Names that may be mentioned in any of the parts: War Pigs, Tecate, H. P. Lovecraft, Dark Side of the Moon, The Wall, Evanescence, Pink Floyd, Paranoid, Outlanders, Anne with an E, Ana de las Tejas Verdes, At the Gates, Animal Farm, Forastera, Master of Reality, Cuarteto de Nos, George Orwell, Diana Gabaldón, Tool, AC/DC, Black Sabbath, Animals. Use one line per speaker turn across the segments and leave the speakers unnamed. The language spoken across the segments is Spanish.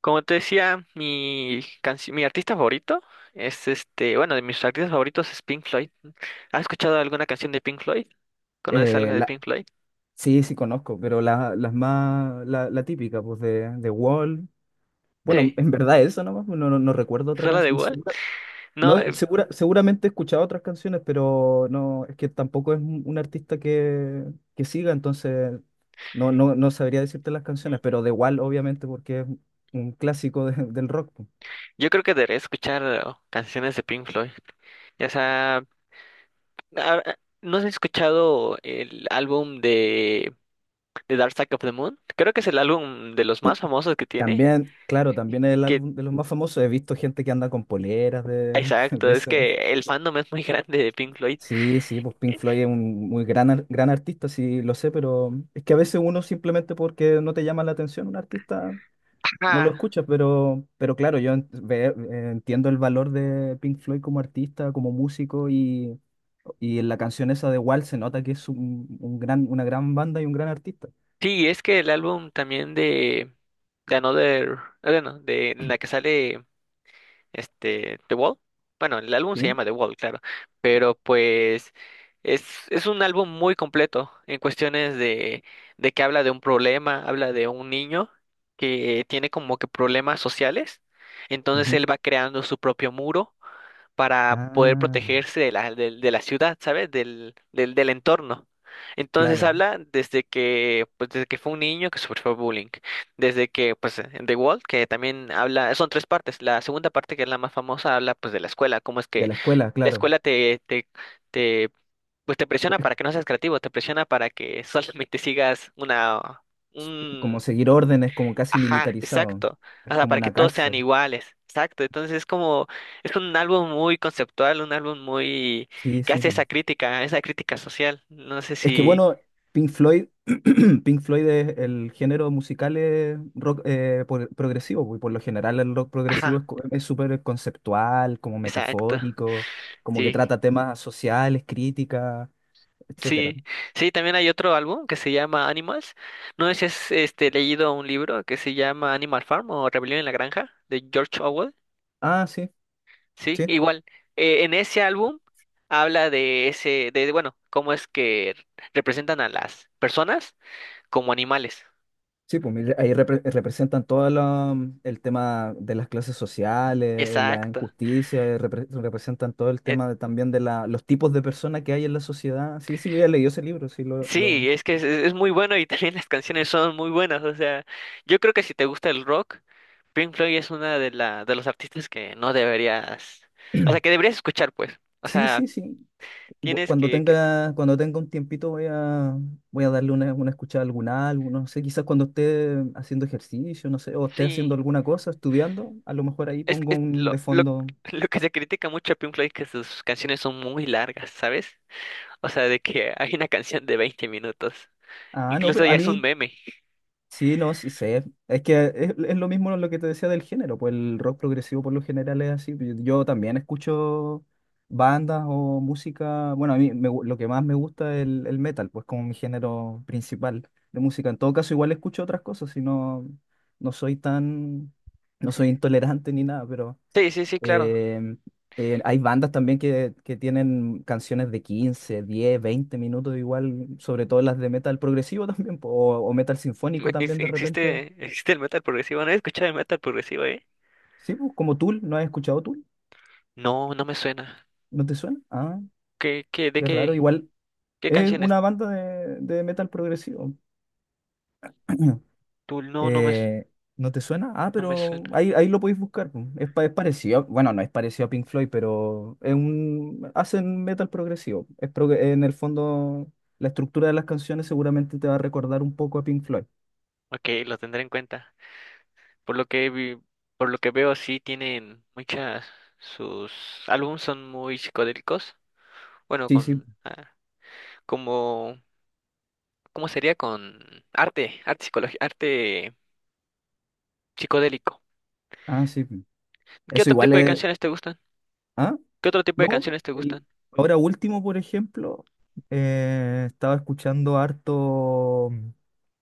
Como te decía, mi artista favorito es de mis artistas favoritos es Pink Floyd. ¿Has escuchado alguna canción de Pink Floyd? ¿Conoces algo
Eh,
de
la,
Pink Floyd?
sí, sí conozco, pero las más, la típica, pues de Wall. Bueno,
Sí.
en verdad eso nomás, pues, no recuerdo otra
¿Sola de
canción.
Wall? No,
No,
es-
seguramente he escuchado otras canciones, pero no, es que tampoco es un artista que siga, entonces no sabría decirte las canciones, pero de Wall obviamente porque es un clásico del rock. Po.
Yo creo que debería escuchar canciones de Pink Floyd. Ya sea, ah, ah, ¿no has escuchado el álbum de Dark Side of the Moon? Creo que es el álbum de los más famosos que tiene.
También, claro, también es el
Que,
álbum de los más famosos. He visto gente que anda con poleras de,
exacto,
de
es
ese.
que el fandom es muy grande de Pink Floyd.
Sí, sí, pues Pink Floyd es un muy gran, gran artista, sí lo sé, pero es que a veces uno simplemente porque no te llama la atención un artista no lo escuchas, pero claro, yo entiendo el valor de Pink Floyd como artista, como músico y en la canción esa de Wall se nota que es un gran, una gran banda y un gran artista,
Sí, y es que el álbum también de Another, bueno, de en la que sale este The Wall. Bueno, el álbum se
¿sí?
llama The Wall, claro, pero pues es, es un álbum muy completo en cuestiones de que habla de un problema, habla de un niño que tiene como que problemas sociales, entonces
Ujú.
él va creando su propio muro para poder
Ah,
protegerse de de la ciudad, ¿sabes? Del entorno. Entonces
claro,
habla desde que, pues, desde que fue un niño que sufrió bullying, desde que, pues, en The Wall, que también habla, son tres partes. La segunda parte, que es la más famosa, habla, pues, de la escuela, cómo es
de
que
la escuela,
la
claro,
escuela te, pues, te presiona
co-
para que no seas creativo, te presiona para que solamente sigas una,
es como seguir órdenes, como casi
ajá,
militarizado,
exacto. O
es
sea,
como
para que
una
todos sean
cárcel,
iguales. Exacto. Entonces es como, es un álbum muy conceptual, un álbum muy
sí,
que
sí.
hace esa crítica social. No sé
Es que
si.
bueno, Pink Floyd, Pink Floyd es el género musical es rock progresivo, pues, y por lo general el rock progresivo
Ajá,
es es súper conceptual, como
exacto.
metafórico, como que
Sí,
trata temas sociales, críticas, etcétera.
sí. Sí, también hay otro álbum que se llama Animals. No sé si has este leído un libro que se llama Animal Farm o Rebelión en la Granja, de George Orwell.
Ah, sí,
Sí,
sí,
igual. Eh, en ese álbum habla de ese, cómo es que representan a las personas como animales.
sí, pues mira, ahí representan todo el tema de las clases sociales, la
Exacto.
injusticia, representan todo el
Eh,
tema también de la, los tipos de personas que hay en la sociedad. Sí, sí, yo ya leí ese libro, sí,
sí,
lo...
es que es muy bueno y también las canciones son muy buenas. O sea, yo creo que si te gusta el rock, Pink Floyd es una de de los artistas que no deberías, o sea, que deberías escuchar, pues. O
Sí,
sea,
sí, sí.
tienes que, que-
Cuando tenga un tiempito voy a, voy a darle una escuchada a algún álbum, no sé, quizás cuando esté haciendo ejercicio, no sé, o esté haciendo
sí,
alguna cosa, estudiando, a lo mejor ahí
es,
pongo
es
un
lo,
de
lo,
fondo.
lo que se critica mucho a Pink Floyd que sus canciones son muy largas, ¿sabes? O sea, de que hay una canción de 20 minutos.
Ah, no,
Incluso
pero a
ya es un
mí
meme.
sí, no, sí sé. Es que es lo mismo lo que te decía del género, pues el rock progresivo por lo general es así. Yo también escucho bandas o música. Bueno, a mí lo que más me gusta es el metal, pues como mi género principal de música. En todo caso, igual escucho otras cosas, si no, no soy tan, no soy intolerante ni nada, pero
Sí, sí, sí, claro.
eh, hay bandas también que tienen canciones de 15, 10, 20 minutos igual, sobre todo las de metal progresivo también, po, o metal sinfónico también de repente.
Existe, existe el metal progresivo. No he escuchado el metal progresivo, ¿eh?
Sí, pues, como Tool, ¿no has escuchado Tool?
No, no me suena.
¿No te suena? Ah,
¿Qué, qué, de
qué raro,
qué,
igual
¿qué
es
canciones?
una banda de metal progresivo.
Tú, no, no me, su-
Eh, ¿no te suena? Ah,
no me
pero
suena.
ahí lo podéis buscar. Po. Es, es parecido, bueno, no es parecido a Pink Floyd, pero es un, hacen metal progresivo. Es en el fondo, la estructura de las canciones seguramente te va a recordar un poco a Pink Floyd.
Ok, lo tendré en cuenta. Por lo que vi- por lo que veo, sí tienen muchas, sus álbumes son muy psicodélicos. Bueno,
Sí, sí.
con, ah, como, ¿Cómo sería? Con arte, arte psicológico, arte psicodélico.
Ah, sí.
¿Qué
Eso
otro
igual
tipo de
es...
canciones te gustan?
¿Ah?
¿Qué otro tipo de
No,
canciones te
el-
gustan?
ahora último, por ejemplo, estaba escuchando harto,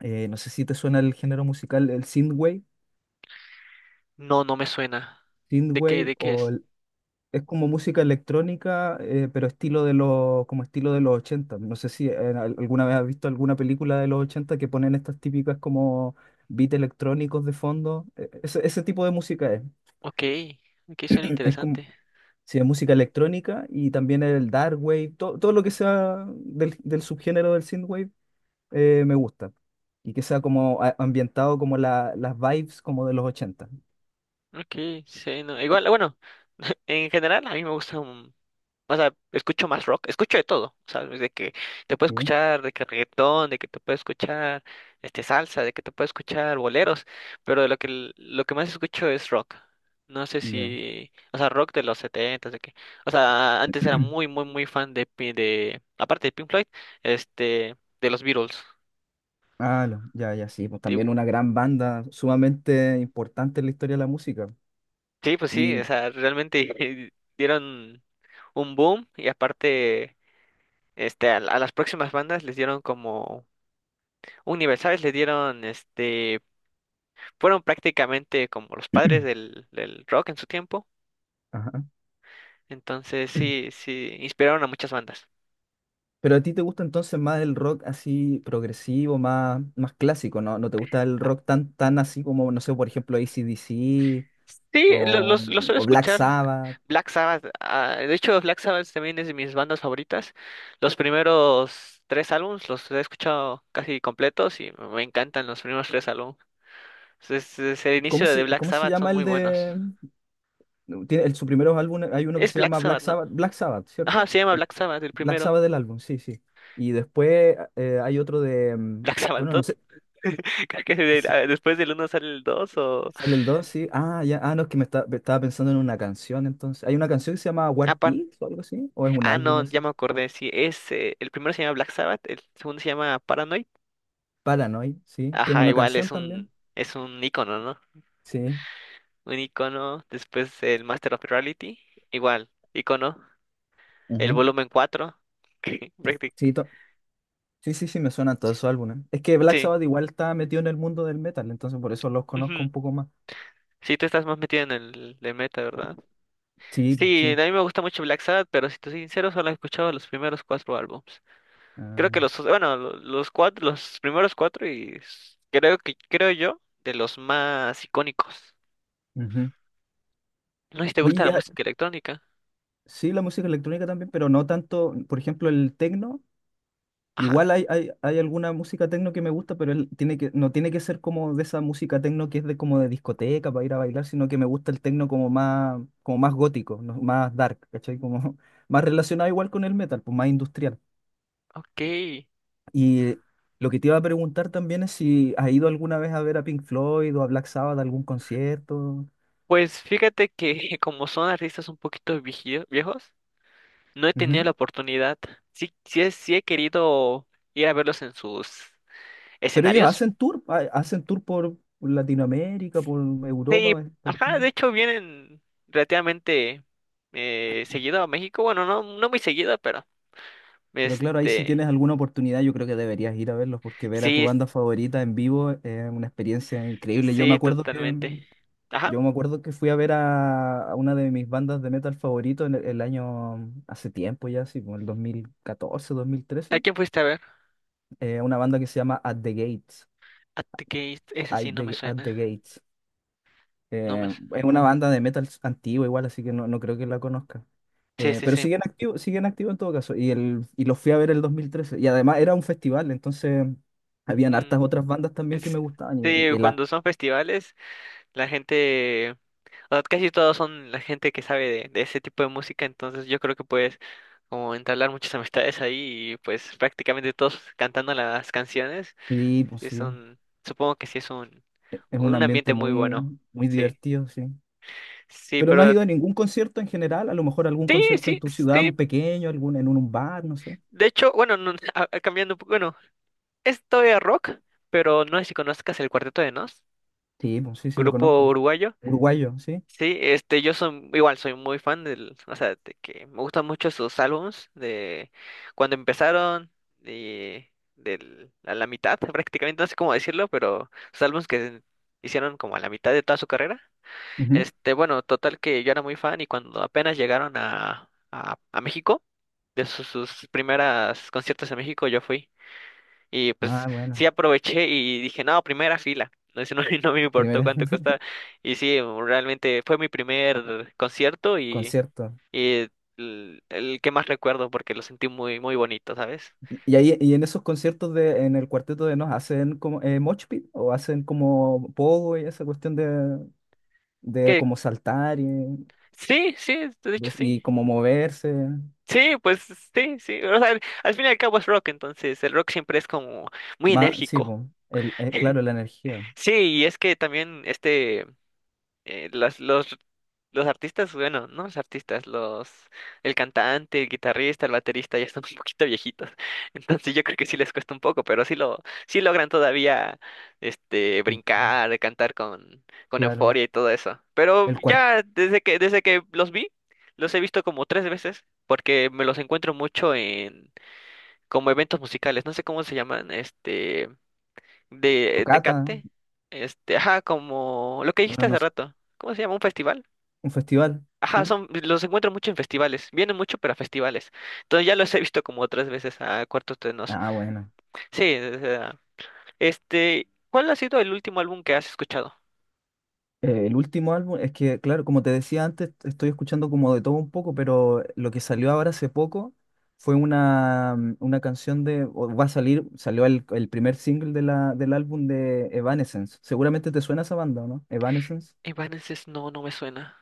no sé si te suena el género musical, el synthwave,
No, no me suena.
synthwave
¿De qué
o
es?
es como música electrónica, pero estilo de los, como estilo de los ochenta. No sé si alguna vez has visto alguna película de los 80 que ponen estas típicas como beats electrónicos de fondo. Ese, ese tipo de música es.
Ok, ok, suena
Es como,
interesante.
sí, es música electrónica y también el dark wave, todo lo que sea del subgénero del synthwave me gusta. Y que sea como ambientado como las vibes como de los ochenta.
Ok, sí, no, igual, bueno, en general a mí me gusta un, o sea, escucho más rock, escucho de todo, ¿sabes? De que te puedo
Sí,
escuchar de que reggaetón, de que te puedo escuchar este salsa, de que te puedo escuchar boleros, pero de lo que lo que más escucho es rock. No sé
ya.
si, o sea, rock de los setentas, de que, o sea, antes era muy, muy, muy fan aparte de Pink Floyd, este, de los Beatles.
Ah, ya, ya, sí, pues
Y-
también una gran banda sumamente importante en la historia de la música.
Sí, pues sí, o
Y,
sea, realmente dieron un boom y aparte este, a las próximas bandas les dieron como un nivel, ¿sabes? Les dieron, este, fueron prácticamente como los padres del rock en su tiempo.
ajá.
Entonces, sí, sí, inspiraron a muchas bandas.
Pero a ti te gusta entonces más el rock así progresivo, más, más clásico, ¿no? ¿No te gusta el
Ah,
rock tan, tan así como, no sé, por ejemplo, AC/DC
sí,
o,
los suelo
o Black
escuchar.
Sabbath?
Black Sabbath, ah, de hecho, Black Sabbath también es de mis bandas favoritas. Los primeros tres álbumes los he escuchado casi completos y me encantan los primeros tres álbumes. Entonces, desde el inicio de Black
Cómo se
Sabbath son
llama el
muy buenos.
de... su primeros álbum, hay uno que
Es
se
Black
llama Black
Sabbath, ¿no?
Sabbath, Black Sabbath,
Ajá,
¿cierto?
se llama Black Sabbath, el
Black
primero.
Sabbath del álbum, sí, sí. Y después hay otro de... mm,
Black Sabbath
bueno,
2.
no sé.
Creo que del- ah, después del uno sale el 2 o...
Sale el 2 sí. Ah, ya. Ah, no, es que me, me estaba pensando en una canción entonces. Hay una canción que se llama
Ah,
War
par-
Pigs o algo así, o es un álbum
no, ya
ese.
me acordé. Sí, es, el primero se llama Black Sabbath, el segundo se llama Paranoid.
Paranoid, sí, que es
Ajá,
una
igual
canción también.
es un icono, ¿no?
Sí.
Un icono. Después el Master of Reality. Igual, icono. El
Ujú.
volumen 4 Práctic-
Sí, to- sí, sí, sí, me suenan todos esos álbumes. Es que Black
sí.
Sabbath igual está metido en el mundo del metal, entonces por eso los conozco
Ujú.
un poco más.
Sí, tú estás más metido en el de meta, ¿verdad?
Sí, pues,
Sí,
sí.
a mí me gusta mucho Black Sabbath, pero si te soy sincero, solo he escuchado los primeros cuatro álbumes. Creo
Ah,
que los, bueno, los cuatro, los primeros cuatro y creo que, creo yo, de los más icónicos.
ujú.
No sé si te
Oye,
gusta la
ya,
música electrónica.
sí, la música electrónica también, pero no tanto, por ejemplo, el techno.
Ajá,
Igual hay alguna música techno que me gusta, pero él tiene que, no tiene que ser como de esa música techno que es de como de discoteca para ir a bailar, sino que me gusta el techno como más gótico, más dark, ¿cachai? Como más relacionado igual con el metal, pues más industrial.
ok.
Y lo que te iba a preguntar también es si has ido alguna vez a ver a Pink Floyd o a Black Sabbath a algún concierto.
Pues fíjate que como son artistas un poquito viejos, no he tenido
Ujú.
la oportunidad. Sí, sí, sí he querido ir a verlos en sus
Pero ellos
escenarios.
hacen tour, hacen tour por Latinoamérica, por
Sí,
Europa, por...
ajá, de hecho vienen relativamente seguido a México. Bueno, no, no muy seguido, pero
Pero claro, ahí si
este...
tienes alguna oportunidad, yo creo que deberías ir a verlos, porque ver a tu
Sí,
banda favorita en vivo es una experiencia increíble. Yo me
sí,
acuerdo que,
totalmente. Ajá.
yo me acuerdo que fui a ver a una de mis bandas de metal favorito en el año, hace tiempo ya, así como el 2014,
¿A
2013,
quién fuiste a ver?
una banda que se llama At the Gates,
A ti que esa sí no me
At
suena.
the Gates.
No me su-
Es una banda de metal antigua igual, así que no, no creo que la conozca.
Sí, sí,
Pero
sí.
siguen activos en todo caso. Y, y los fui a ver el 2013. Y además era un festival, entonces habían
Ujú.
hartas otras bandas también que
Es-
me gustaban.
Sí, cuando son festivales, la gente, o sea, casi todos son la gente que sabe de ese tipo de música, entonces yo creo que puedes como entablar muchas amistades ahí y pues prácticamente todos cantando las canciones.
Sí, pues
Sí,
sí,
supongo que sí es
es un
un
ambiente
ambiente muy
muy,
bueno.
muy
Sí,
divertido, sí.
sí,
Pero no has
pero
ido a ningún concierto en general, a lo mejor algún
sí,
concierto
sí,
en tu ciudad,
sí.
un pequeño, algún en un bar, no sé.
De hecho, bueno, no, cambiando un poco, es todavía rock, pero no sé si conozcas el Cuarteto de Nos,
Sí, pues sí, sí lo
grupo
conozco.
uruguayo.
Uruguayo, sí.
Sí, este, igual soy muy fan del, o sea, de que me gustan mucho sus álbums de cuando empezaron y del, a la mitad prácticamente, no sé cómo decirlo, pero sus álbumes que hicieron como a la mitad de toda su carrera.
Ujú.
Este, bueno, total que yo era muy fan y cuando apenas llegaron a México, de sus, sus primeras conciertos en México, yo fui. Y pues
Ah,
sí
bueno.
aproveché y dije, no, primera fila. No, eso no, no me importó
Primer
cuánto costaba. Y sí, realmente fue mi primer concierto
concierto.
y el que más recuerdo porque lo sentí muy, muy bonito, ¿sabes?
Y ahí en esos conciertos de en el Cuarteto de Nos hacen como mosh pit o hacen como pogo y esa cuestión de
Que
como saltar y,
sí, sí, de hecho sí.
y como moverse.
Sí, pues sí, sí. O sea, al fin y al cabo es rock, entonces el rock siempre es como muy
Más, sí,
enérgico.
po, el, claro, la energía.
Sí, y es que también este. Eh, los artistas, bueno, no los artistas, los, el cantante, el guitarrista, el baterista ya están un poquito viejitos. Entonces yo creo que sí les cuesta un poco, pero sí sí logran todavía este
Ujú,
brincar, cantar con
claro.
euforia y todo eso. Pero
El cuarto
ya desde que los vi, los he visto como 3 veces, porque me los encuentro mucho en como eventos musicales, no sé cómo se llaman, este de
cata,
Tecate, este, ajá, como lo que dijiste
bueno, no
hace
sé,
rato, ¿cómo se llama? ¿Un festival?
un festival,
Ajá,
¿sí?
son, los encuentro mucho en festivales, vienen mucho pero a festivales, entonces ya los he visto como otras veces a cuartos Tenos.
Ah, bueno.
Sí, o sea, este, ¿cuál ha sido el último álbum que has escuchado?
El último álbum, es que, claro, como te decía antes, estoy escuchando como de todo un poco, pero lo que salió ahora hace poco fue una, mm, una canción de, o va a salir, salió el primer single de del álbum de Evanescence. Seguramente te suena esa banda, ¿o ¿no? Evanescence.
Evanescence, no, no me suena,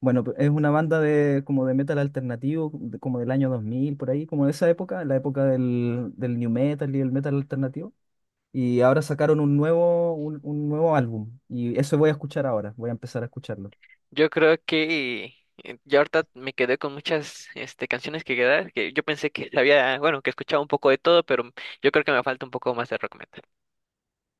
Bueno, es una banda de, como de metal alternativo, como del año 2000 por ahí, como de esa época, la época del new metal y el metal alternativo. Y ahora sacaron un nuevo, un nuevo álbum, y eso voy a escuchar ahora, voy a empezar a escucharlo.
yo creo que ya ahorita me quedé con muchas, este, canciones que quedar, que yo pensé que había, bueno, que escuchaba un poco de todo, pero yo creo que me falta un poco más de rock metal.